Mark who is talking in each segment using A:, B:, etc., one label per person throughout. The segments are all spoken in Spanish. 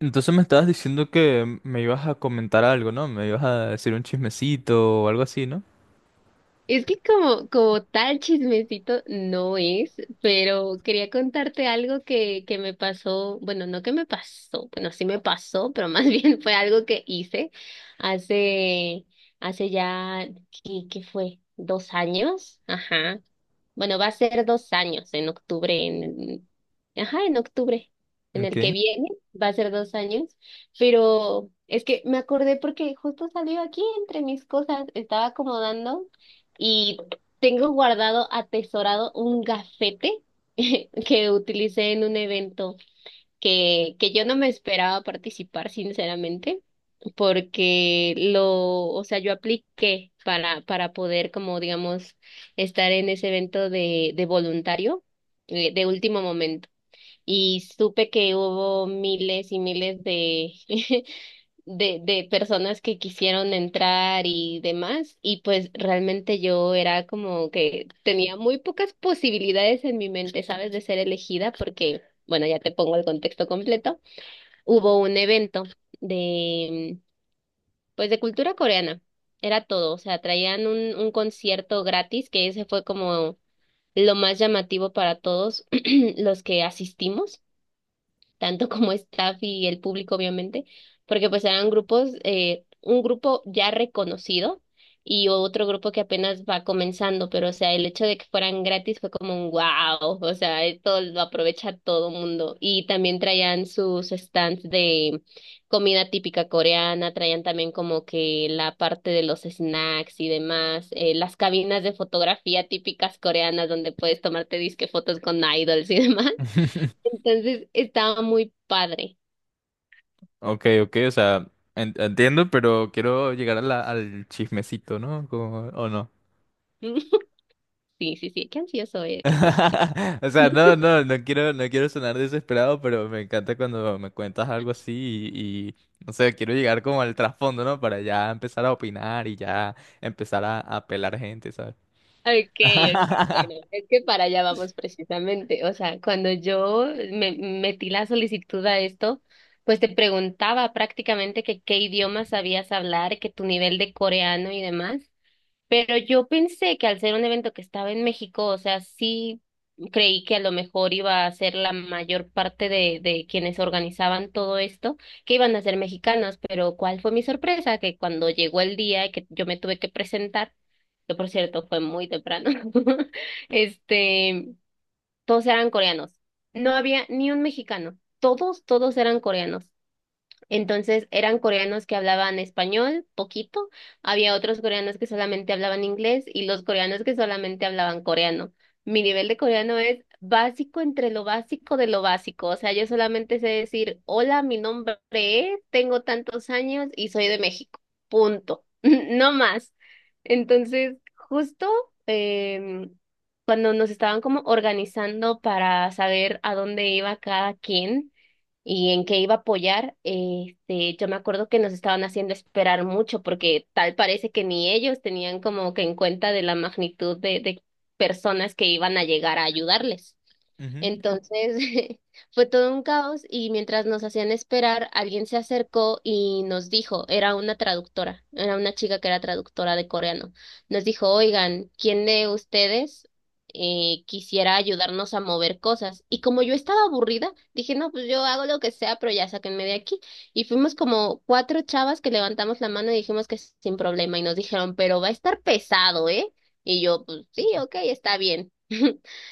A: Entonces me estabas diciendo que me ibas a comentar algo, ¿no? Me ibas a decir un chismecito o algo así, ¿no?
B: Es que como tal chismecito no es, pero quería contarte algo que me pasó, bueno, no que me pasó, bueno, sí me pasó, pero más bien fue algo que hice hace, hace ya, ¿qué fue? ¿2 años? Ajá. Bueno, va a ser 2 años en octubre, ajá, en octubre, en el que
A: Ok.
B: viene, va a ser dos años, pero es que me acordé porque justo salió aquí entre mis cosas, estaba acomodando y tengo guardado, atesorado un gafete que utilicé en un evento que yo no me esperaba participar, sinceramente porque o sea, yo apliqué para poder, como digamos, estar en ese evento de voluntario de último momento. Y supe que hubo miles y miles de personas que quisieron entrar y demás. Y pues realmente yo era como que tenía muy pocas posibilidades en mi mente, ¿sabes? De ser elegida porque, bueno, ya te pongo el contexto completo. Hubo un evento de, pues de cultura coreana, era todo, o sea, traían un concierto gratis, que ese fue como lo más llamativo para todos los que asistimos tanto como staff y el público, obviamente, porque pues eran grupos, un grupo ya reconocido y otro grupo que apenas va comenzando, pero o sea, el hecho de que fueran gratis fue como un wow, o sea, esto lo aprovecha todo mundo. Y también traían sus stands de comida típica coreana, traían también como que la parte de los snacks y demás, las cabinas de fotografía típicas coreanas donde puedes tomarte disque fotos con idols y demás. Entonces estaba muy padre.
A: Ok, ok, o sea, entiendo, pero quiero llegar a al chismecito, ¿no? Como... ¿o no?
B: Sí, sí, sí, qué ansioso eres. ¿Eh? ¿Qué?
A: O sea, no, no, no quiero sonar desesperado, pero me encanta cuando me cuentas algo así y, y, no sé, quiero llegar como al trasfondo, ¿no? Para ya empezar a opinar y ya empezar a pelar gente, ¿sabes?
B: Okay, okay, bueno, es que para allá vamos precisamente. O sea, cuando yo me metí la solicitud a esto, pues te preguntaba prácticamente que qué idiomas sabías hablar, que tu nivel de coreano y demás. Pero yo pensé que al ser un evento que estaba en México, o sea, sí creí que a lo mejor iba a ser la mayor parte de quienes organizaban todo esto, que iban a ser mexicanos, pero ¿cuál fue mi sorpresa? Que cuando llegó el día y que yo me tuve que presentar, que por cierto fue muy temprano, este, todos eran coreanos. No había ni un mexicano, todos eran coreanos. Entonces eran coreanos que hablaban español, poquito, había otros coreanos que solamente hablaban inglés y los coreanos que solamente hablaban coreano. Mi nivel de coreano es básico entre lo básico de lo básico, o sea, yo solamente sé decir, hola, mi nombre es, tengo tantos años y soy de México, punto, no más. Entonces, justo em, cuando nos estaban como organizando para saber a dónde iba cada quien, y en qué iba a apoyar, este, yo me acuerdo que nos estaban haciendo esperar mucho porque tal parece que ni ellos tenían como que en cuenta de la magnitud de personas que iban a llegar a ayudarles.
A: Ujú.
B: Entonces, fue todo un caos y mientras nos hacían esperar, alguien se acercó y nos dijo, era una traductora, era una chica que era traductora de coreano, nos dijo, oigan, ¿quién de ustedes quisiera ayudarnos a mover cosas? Y como yo estaba aburrida, dije, no, pues yo hago lo que sea, pero ya sáquenme de aquí. Y fuimos como cuatro chavas que levantamos la mano y dijimos que sin problema y nos dijeron, pero va a estar pesado, ¿eh? Y yo, pues sí, ok, está bien.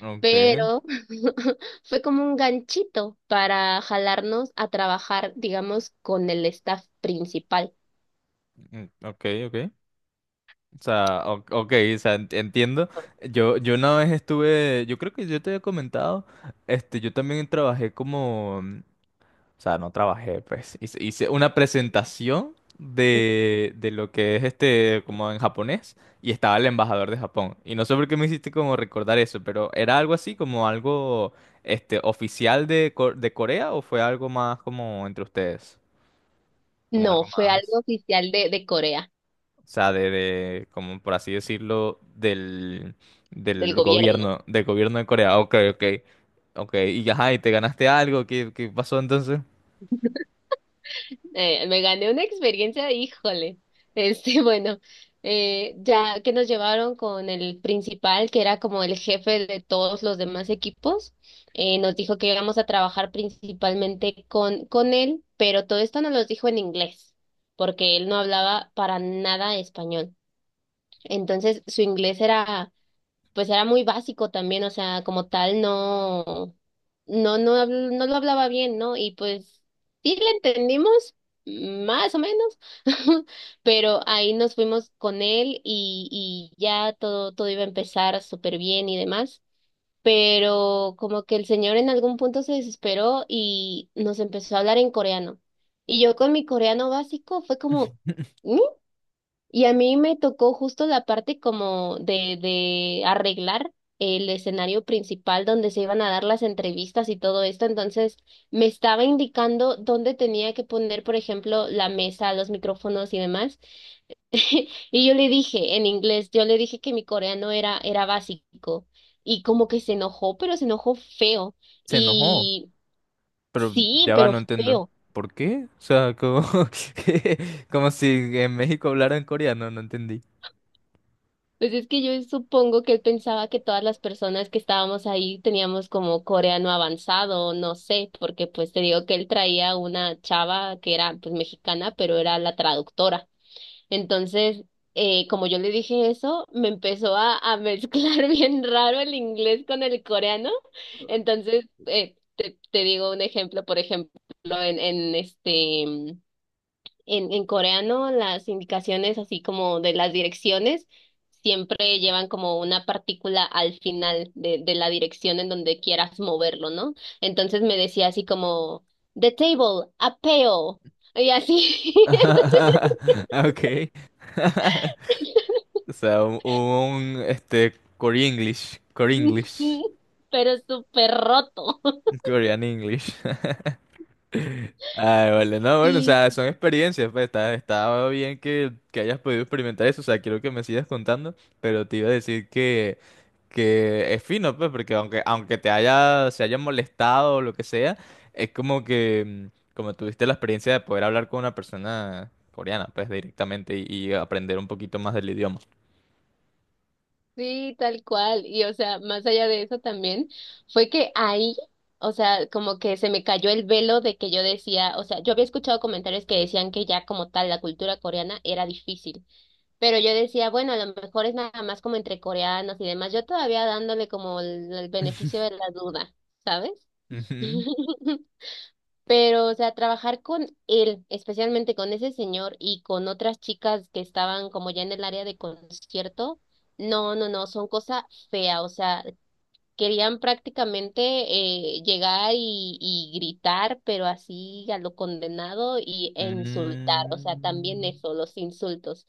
A: Ok,
B: Pero fue como un ganchito para jalarnos a trabajar, digamos, con el staff principal.
A: mm, ok, ok. O sea, ok, o sea, entiendo. Yo una vez estuve, yo creo que yo te había comentado, este, yo también trabajé como, mm, o sea, no trabajé, pues, hice una presentación de lo que es este, como en japonés, y estaba el embajador de Japón. Y no sé por qué me hiciste como recordar eso, pero ¿era algo así, como algo, este, oficial de, de Corea o fue algo más como entre ustedes? Como
B: No,
A: algo
B: fue
A: más.
B: algo oficial de Corea,
A: O sea, como por así decirlo, del,
B: del gobierno.
A: del gobierno de Corea. Ok, ok, ok. Y ajá, y te ganaste algo, ¿qué, qué pasó entonces?
B: Me gané una experiencia, híjole. Este, bueno, ya que nos llevaron con el principal, que era como el jefe de todos los demás equipos, nos dijo que íbamos a trabajar principalmente con él, pero todo esto nos lo dijo en inglés, porque él no hablaba para nada español. Entonces, su inglés era pues era muy básico también, o sea, como tal, no lo hablaba bien, ¿no? Y pues sí le entendimos, mm, más o menos, pero ahí nos fuimos con él y ya todo, todo iba a empezar súper bien y demás. Pero como que el señor en algún punto se desesperó y nos empezó a hablar en coreano. Y yo con mi coreano básico fue como, "Mm", y a mí me tocó justo la parte como de arreglar el escenario principal donde se iban a dar las entrevistas y todo esto. Entonces me estaba indicando dónde tenía que poner, por ejemplo, la mesa, los micrófonos y demás. Y yo le dije en inglés, yo le dije que mi coreano era básico. Y como que se enojó, pero se enojó feo.
A: Se enojó,
B: Y
A: pero
B: sí,
A: ya va,
B: pero
A: no entiendo.
B: feo.
A: ¿Por qué? O sea, como, como si en México hablaran coreano, no entendí.
B: Pues es que yo supongo que él pensaba que todas las personas que estábamos ahí teníamos como coreano avanzado, no sé, porque pues te digo que él traía una chava que era pues mexicana, pero era la traductora. Entonces, como yo le dije eso, me empezó a mezclar bien raro el inglés con el coreano. Entonces, te digo un ejemplo, por ejemplo, en, en este... en coreano, las indicaciones, así como de las direcciones, siempre llevan como una partícula al final de la dirección en donde quieras moverlo, ¿no? Entonces me decía así como, "The table, apeo". Y así.
A: Ok. O sea, este, Core English, Core
B: Entonces,
A: English,
B: pero súper roto.
A: Korean English. Ay, vale, no, bueno, o sea, son experiencias, pues está, está bien que hayas podido experimentar eso, o sea, quiero que me sigas contando, pero te iba a decir que es fino, pues, porque aunque, aunque te haya, se haya molestado o lo que sea, es como que, mm, como tuviste la experiencia de poder hablar con una persona coreana, pues, directamente y aprender un poquito más del idioma.
B: Sí, tal cual. Y o sea, más allá de eso también, fue que ahí, o sea, como que se me cayó el velo de que yo decía, o sea, yo había escuchado comentarios que decían que ya como tal la cultura coreana era difícil, pero yo decía, bueno, a lo mejor es nada más como entre coreanos y demás, yo todavía dándole como el beneficio de la duda, ¿sabes?
A: Ujú.
B: Pero, o sea, trabajar con él, especialmente con ese señor y con otras chicas que estaban como ya en el área de concierto, no, no, no, son cosa fea, o sea, querían prácticamente llegar y gritar, pero así a lo condenado y, e insultar, o sea, también
A: Mm,
B: eso, los insultos.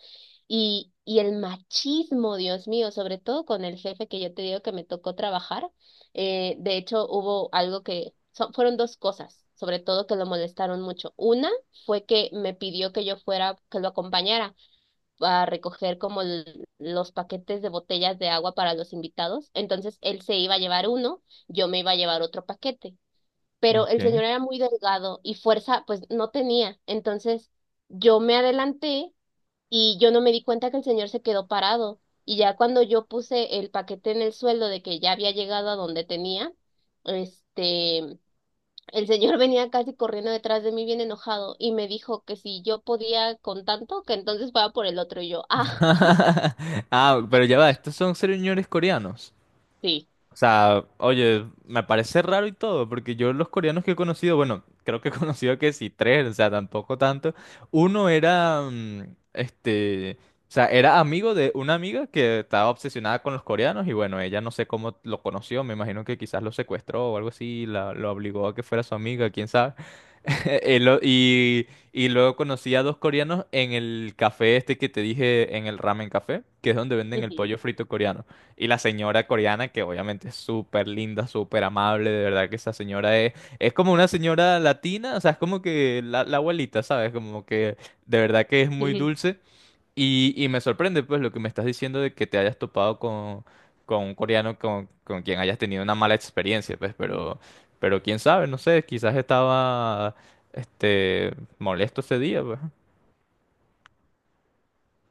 B: Y el machismo, Dios mío, sobre todo con el jefe que yo te digo que me tocó trabajar. De hecho, hubo algo que fueron dos cosas, sobre todo que lo molestaron mucho. Una fue que me pidió que yo fuera, que lo acompañara a recoger como l- los paquetes de botellas de agua para los invitados. Entonces él se iba a llevar uno, yo me iba a llevar otro paquete. Pero el
A: ok.
B: señor era muy delgado y fuerza pues no tenía. Entonces yo me adelanté y yo no me di cuenta que el señor se quedó parado. Y ya cuando yo puse el paquete en el suelo de que ya había llegado a donde tenía, este, el señor venía casi corriendo detrás de mí bien enojado y me dijo que si yo podía con tanto, que entonces fuera por el otro y yo, ah.
A: Ah, pero ya va, estos son señores coreanos.
B: Sí.
A: O sea, oye, me parece raro y todo, porque yo los coreanos que he conocido, bueno, creo que he conocido que sí, tres, o sea, tampoco tanto. Uno era, mm, este, o sea, era amigo de una amiga que estaba obsesionada con los coreanos y bueno, ella no sé cómo lo conoció, me imagino que quizás lo secuestró o algo así, la, lo obligó a que fuera su amiga, quién sabe. Eh, lo- Y, y luego conocí a dos coreanos en el café este que te dije, en el ramen café, que es donde venden el
B: Ujú.
A: pollo frito coreano. Y la señora coreana, que obviamente es súper linda, súper amable, de verdad que esa señora es como una señora latina, o sea, es como que la abuelita, ¿sabes? Como que de verdad que es muy dulce. Y me sorprende, pues, lo que me estás diciendo de que te hayas topado con un coreano con quien hayas tenido una mala experiencia, pues, pero quién sabe, no sé, quizás estaba, este, molesto ese día, pues.